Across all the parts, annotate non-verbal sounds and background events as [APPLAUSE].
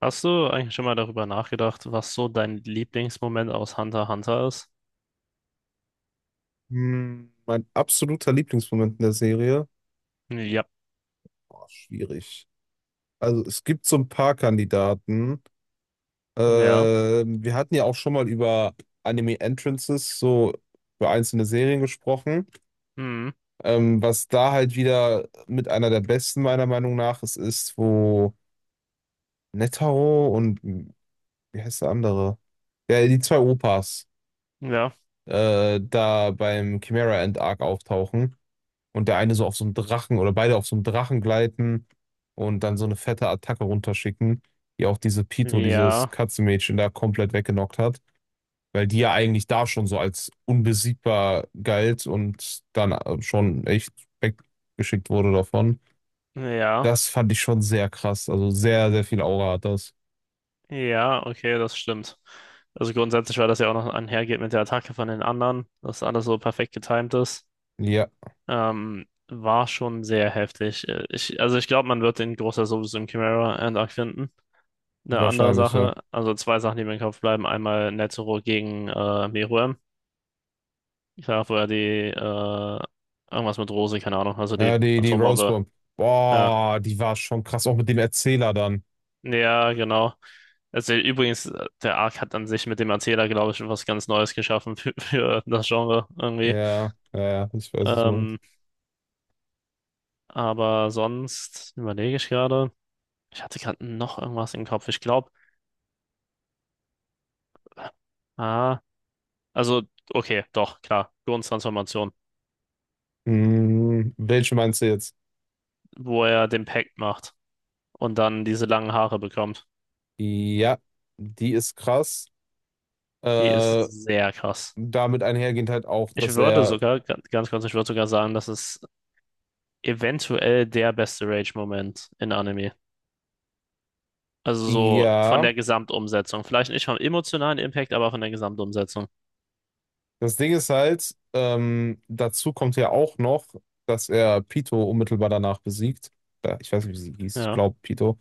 Hast du eigentlich schon mal darüber nachgedacht, was so dein Lieblingsmoment aus Hunter x Hunter ist? Mein absoluter Lieblingsmoment in der Serie? Ja, Boah, schwierig. Also es gibt so ein paar Kandidaten. ja, Wir hatten ja auch schon mal über Anime Entrances, so über einzelne Serien gesprochen. hm, Was da halt wieder mit einer der besten meiner Meinung nach ist, wo Netaro und wie heißt der andere? Ja, die zwei Opas ja, da beim Chimera End Arc auftauchen. Und der eine so auf so einem Drachen oder beide auf so einem Drachen gleiten und dann so eine fette Attacke runterschicken, die auch diese Pito, dieses ja, Katzenmädchen da komplett weggenockt hat, weil die ja eigentlich da schon so als unbesiegbar galt und dann schon echt weggeschickt wurde davon. ja, Das fand ich schon sehr krass. Also sehr, sehr viel Aura hat das. ja, okay, das stimmt. Also grundsätzlich, weil das ja auch noch einhergeht mit der Attacke von den anderen, dass alles so perfekt getimt ist, Ja, war schon sehr heftig. Also ich glaube, man wird den Großteil sowieso im Chimera Andark finden. Eine andere wahrscheinlich, ja. Sache, also zwei Sachen, die mir im Kopf bleiben. Einmal Netero gegen Meruem. Ich sag vorher irgendwas mit Rose, keine Ahnung, also Äh, die die, die Atombombe. Rosebomb. Ja. Boah, die war schon krass, auch mit dem Erzähler dann. Ja, genau. Also übrigens, der Arc hat an sich mit dem Erzähler, glaube ich, was ganz Neues geschaffen für, [LAUGHS] für das Genre irgendwie. Ja, ja, ja, ich weiß, was du meinst. Ähm, aber sonst überlege ich gerade. Ich hatte gerade noch irgendwas im Kopf. Ich glaube, ah, also, okay, doch, klar. Gourn-Transformation, Hm, welche meinst du jetzt? wo er den Pact macht und dann diese langen Haare bekommt. Ja, die ist krass. Die ist Äh, sehr krass. damit einhergehend halt auch, Ich dass würde er, sogar, ganz kurz, ich würde sogar sagen, das ist eventuell der beste Rage-Moment in Anime. Also so von ja, der Gesamtumsetzung. Vielleicht nicht vom emotionalen Impact, aber von der Gesamtumsetzung. das Ding ist halt, dazu kommt ja auch noch, dass er Pito unmittelbar danach besiegt. Ich weiß nicht, wie sie hieß, ich Ja, glaube Pito.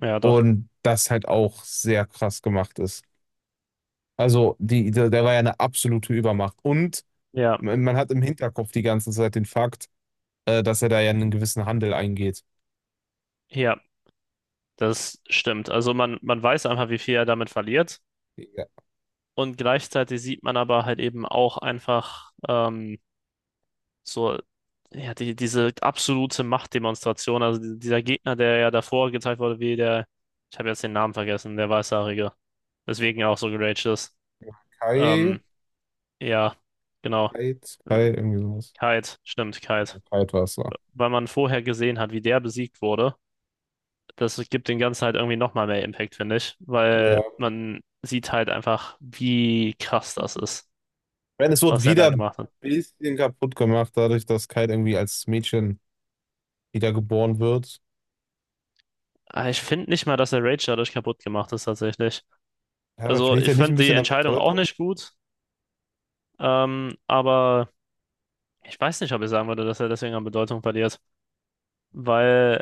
ja, doch. Und das halt auch sehr krass gemacht ist. Also, die, der, der war ja eine absolute Übermacht. Und Ja, man hat im Hinterkopf die ganze Zeit den Fakt, dass er da ja einen gewissen Handel eingeht. ja, das stimmt. Also man weiß einfach, wie viel er damit verliert. Ja, Und gleichzeitig sieht man aber halt eben auch einfach so, ja, diese absolute Machtdemonstration. Also dieser Gegner, der ja davor gezeigt wurde, wie der, ich habe jetzt den Namen vergessen, der Weißhaarige. Deswegen er auch so geraged ist. Kai. Ähm, ja, genau. Kai, Äh, Kai, irgendwie sowas. Kite, stimmt, Kite. Kite war es da. Weil man vorher gesehen hat, wie der besiegt wurde, das gibt den Ganzen halt irgendwie nochmal mehr Impact, finde ich. Weil Ja. man sieht halt einfach, wie krass das ist, Wenn es wird was er da wieder ein gemacht hat. bisschen kaputt gemacht, dadurch, dass Kite irgendwie als Mädchen wiedergeboren wird. Aber ich finde nicht mal, dass der Rage dadurch kaputt gemacht ist, tatsächlich. Ja, aber Also, verliert ich er nicht ein fand die bisschen an Entscheidung auch Bedeutung? nicht gut, aber ich weiß nicht, ob ich sagen würde, dass er deswegen an Bedeutung verliert. Weil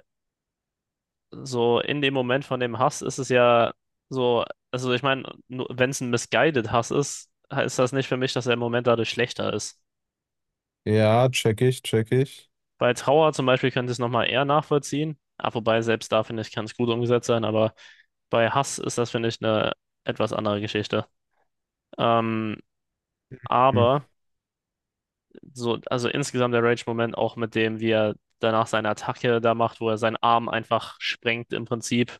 so in dem Moment von dem Hass ist es ja so, also ich meine, wenn es ein misguided Hass ist, heißt das nicht für mich, dass der Moment dadurch schlechter ist. Ja, check ich, check ich. Bei Trauer zum Beispiel könnte ich es nochmal eher nachvollziehen. Ah, wobei, selbst da finde ich, kann es gut umgesetzt sein, aber bei Hass ist das, finde ich, eine etwas andere Geschichte. Ähm, Hm. aber so, also insgesamt der Rage-Moment auch mit dem, wie er danach seine Attacke da macht, wo er seinen Arm einfach sprengt im Prinzip.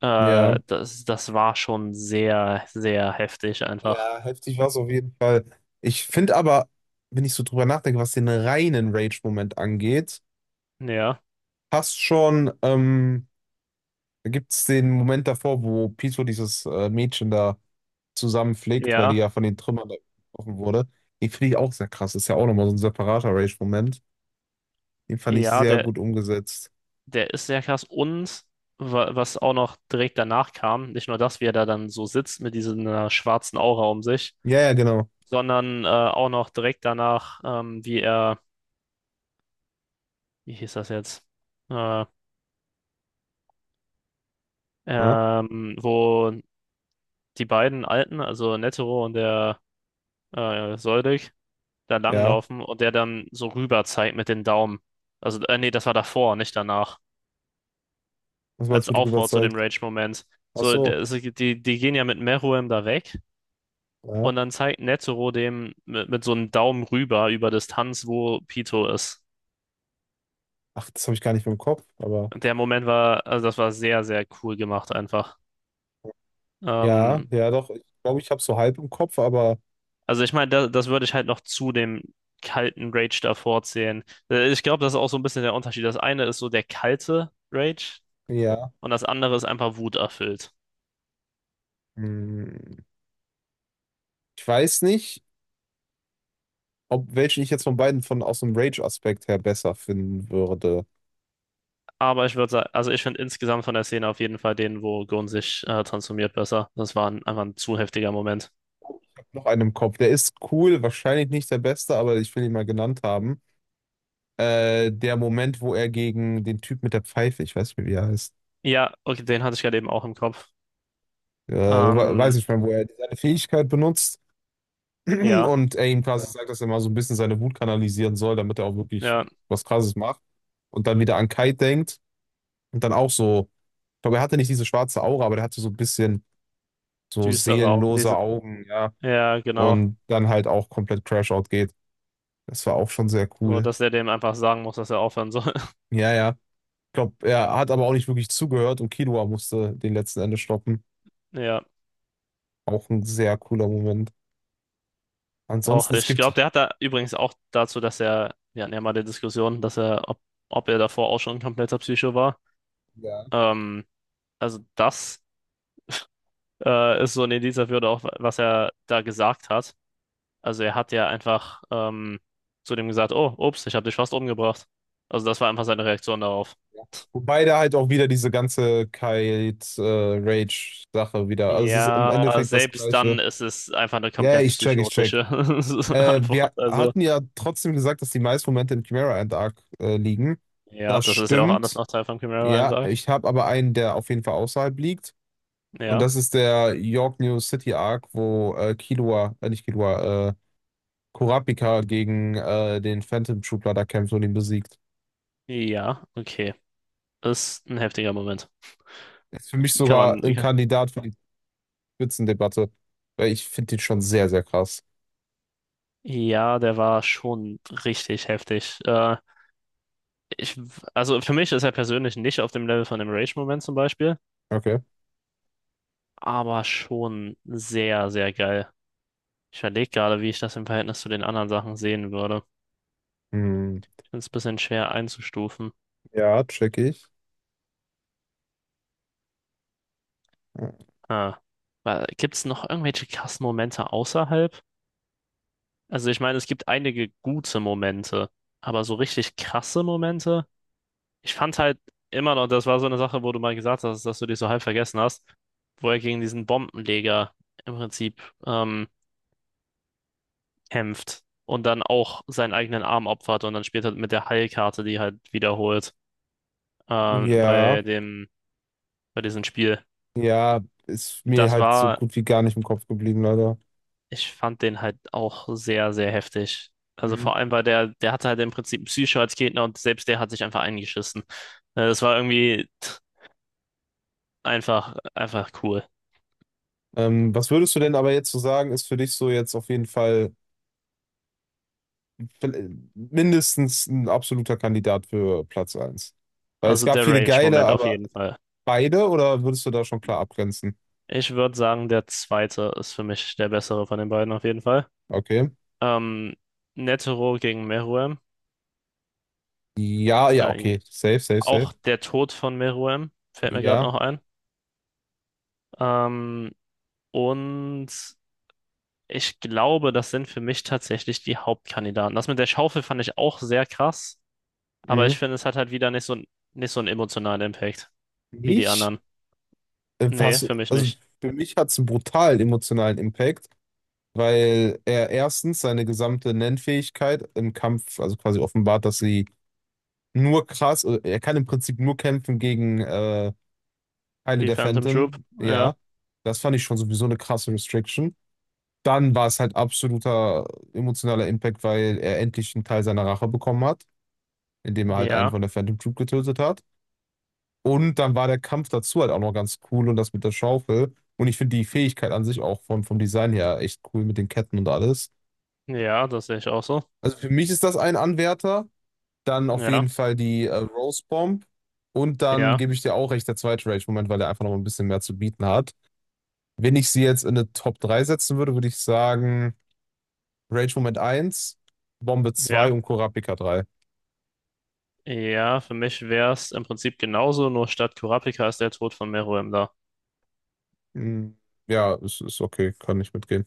Ja. Das war schon sehr, sehr heftig einfach. Ja, heftig war es auf jeden Fall. Ich finde aber, wenn ich so drüber nachdenke, was den reinen Rage-Moment angeht, Ja, passt schon, da gibt es den Moment davor, wo Pito dieses Mädchen da zusammenfliegt, weil die ja, ja von den Trümmern da getroffen wurde. Den finde ich auch sehr krass. Ist ja auch nochmal so ein separater Rage-Moment. Den fand ich ja, sehr gut umgesetzt. der ist sehr krass. Und was auch noch direkt danach kam, nicht nur das, wie er da dann so sitzt mit dieser schwarzen Aura um sich, Ja, ja, genau. sondern auch noch direkt danach, wie er, wie hieß das jetzt? Äh, Ja, Wo die beiden Alten, also Netero und der Soldig, da ja. langlaufen und der dann so rüber zeigt mit den Daumen. Also, nee, das war davor, nicht danach. Das war jetzt Als gut Aufbau zu dem rüberzeigt. Rage-Moment. Ach So, so, der, die gehen ja mit Meruem da weg ja. und dann zeigt Netero dem mit so einem Daumen rüber über Distanz, wo Pito ist. Ach, das habe ich gar nicht mehr im Kopf, aber Der Moment war, also das war sehr, sehr cool gemacht einfach. ja, Ähm, ja, doch. Ich glaube, ich habe so halb im Kopf, aber also ich meine, das würde ich halt noch zu dem kalten Rage davor zählen. Ich glaube, das ist auch so ein bisschen der Unterschied. Das eine ist so der kalte Rage ja. und das andere ist einfach wuterfüllt. Hm. Ich weiß nicht, ob welchen ich jetzt von beiden von aus dem Rage-Aspekt her besser finden würde. Aber ich würde sagen, also ich finde insgesamt von der Szene auf jeden Fall den, wo Gon sich transformiert, besser. Das war einfach ein zu heftiger Moment. Noch einen im Kopf. Der ist cool, wahrscheinlich nicht der beste, aber ich will ihn mal genannt haben. Der Moment, wo er gegen den Typ mit der Pfeife, ich weiß nicht mehr, wie er heißt, Ja, okay, den hatte ich gerade eben auch im Kopf. Weiß Ähm, nicht mehr, wo er seine Fähigkeit benutzt [CLEARS THROAT] ja, und er ihm quasi Ja. sagt, dass er mal so ein bisschen seine Wut kanalisieren soll, damit er auch wirklich ja, was Krasses macht und dann wieder an Kai denkt und dann auch so, ich glaube, er hatte nicht diese schwarze Aura, aber der hatte so ein bisschen so düstere Augen, seelenlose diese. Augen, ja, Ja, genau. und dann halt auch komplett Crash-Out geht. Das war auch schon sehr So, cool. dass er dem einfach sagen muss, dass er aufhören soll. [LAUGHS] Ja, ja. Ich glaube, er hat aber auch nicht wirklich zugehört und Killua musste den letzten Ende stoppen. Ja, Auch ein sehr cooler Moment. auch. Ansonsten, es Ich glaube, gibt, der hat da übrigens auch dazu, dass er, wir hatten ja mal die Diskussion, dass ob, ob er davor auch schon ein kompletter Psycho war. ja. Ähm, also das ist so ein Indiz dafür, oder auch was er da gesagt hat. Also er hat ja einfach zu dem gesagt, oh, ups, ich habe dich fast umgebracht. Also das war einfach seine Reaktion darauf. Wobei da halt auch wieder diese ganze Kite-Rage-Sache wieder. Also es ist im Ja, Endeffekt das selbst Gleiche. dann ist es einfach eine Ja, yeah, komplett ich check, ich check. psychotische [LAUGHS] Antwort. Wir Also hatten ja trotzdem gesagt, dass die meisten Momente im Chimera Ant Arc liegen. ja, Das das ist ja auch anders stimmt. nach Teil von Ja, Chimera-Eintrag. ich habe aber einen, der auf jeden Fall außerhalb liegt. Und Ja, das ist der York New City Arc, wo Killua, nicht Killua, Kurapika gegen den Phantom Troopler da kämpft und ihn besiegt. ja, okay. Ist ein heftiger Moment. Ist für mich Kann sogar man, ein Kandidat für die Spitzendebatte, weil ich finde ihn schon sehr, sehr krass. ja, der war schon richtig heftig. Ich, also für mich ist er persönlich nicht auf dem Level von dem Rage-Moment zum Beispiel, Okay. aber schon sehr, sehr geil. Ich überlege gerade, wie ich das im Verhältnis zu den anderen Sachen sehen würde. Hm. Ich finde es ein bisschen schwer einzustufen. Ja, check ich. Ah. Gibt es noch irgendwelche krassen Momente außerhalb? Also ich meine, es gibt einige gute Momente, aber so richtig krasse Momente? Ich fand halt immer noch, das war so eine Sache, wo du mal gesagt hast, dass du dich so halb vergessen hast, wo er gegen diesen Bombenleger im Prinzip kämpft und dann auch seinen eigenen Arm opfert und dann spielt er mit der Heilkarte, die halt wiederholt Ja, bei dem, bei diesem Spiel. ja, ist mir Das halt so war, gut wie gar nicht im Kopf geblieben, leider. ich fand den halt auch sehr, sehr heftig. Also Mhm. vor allem, weil der hatte halt im Prinzip Psycho als Gegner und selbst der hat sich einfach eingeschissen. Das war irgendwie tch, einfach, einfach cool. Was würdest du denn aber jetzt so sagen, ist für dich so jetzt auf jeden Fall mindestens ein absoluter Kandidat für Platz 1? Weil es Also gab der viele geile, Rage-Moment auf aber jeden Fall. beide oder würdest du da schon klar abgrenzen? Ich würde sagen, der zweite ist für mich der bessere von den beiden auf jeden Fall. Okay. Ähm, Netero gegen Meruem. Ja, ja, Äh, okay. Safe, safe, safe. auch der Tod von Meruem fällt mir gerade Ja. noch ein. Ähm, und Ich glaube, das sind für mich tatsächlich die Hauptkandidaten. Das mit der Schaufel fand ich auch sehr krass, aber ich Mhm. finde, es hat halt wieder nicht so, nicht so einen emotionalen Impact wie die Nicht? anderen. Nee, Was, für mich also nicht. für mich hat es einen brutalen emotionalen Impact, weil er erstens seine gesamte Nennfähigkeit im Kampf, also quasi offenbart, dass sie nur krass, er kann im Prinzip nur kämpfen gegen Teile Die der Phantom Troop, Phantom, ja, ja. Das fand ich schon sowieso eine krasse Restriction. Dann war es halt absoluter emotionaler Impact, weil er endlich einen Teil seiner Rache bekommen hat, indem er halt einen ja, von der Phantom Troop getötet hat. Und dann war der Kampf dazu halt auch noch ganz cool und das mit der Schaufel. Und ich finde die Fähigkeit an sich auch vom, vom Design her echt cool mit den Ketten und alles. ja, das sehe ich auch so. Also für mich ist das ein Anwärter. Dann auf Ja, jeden Fall die Rose Bomb. Und dann ja, gebe ich dir auch recht, der zweite Rage-Moment, weil er einfach noch ein bisschen mehr zu bieten hat. Wenn ich sie jetzt in eine Top 3 setzen würde, würde ich sagen Rage-Moment eins, Bombe ja, zwei und Kurapika drei. ja, für mich wäre es im Prinzip genauso, nur statt Kurapika ist der Tod von Meruem da. Hm, ja, ist okay, kann ich mitgehen.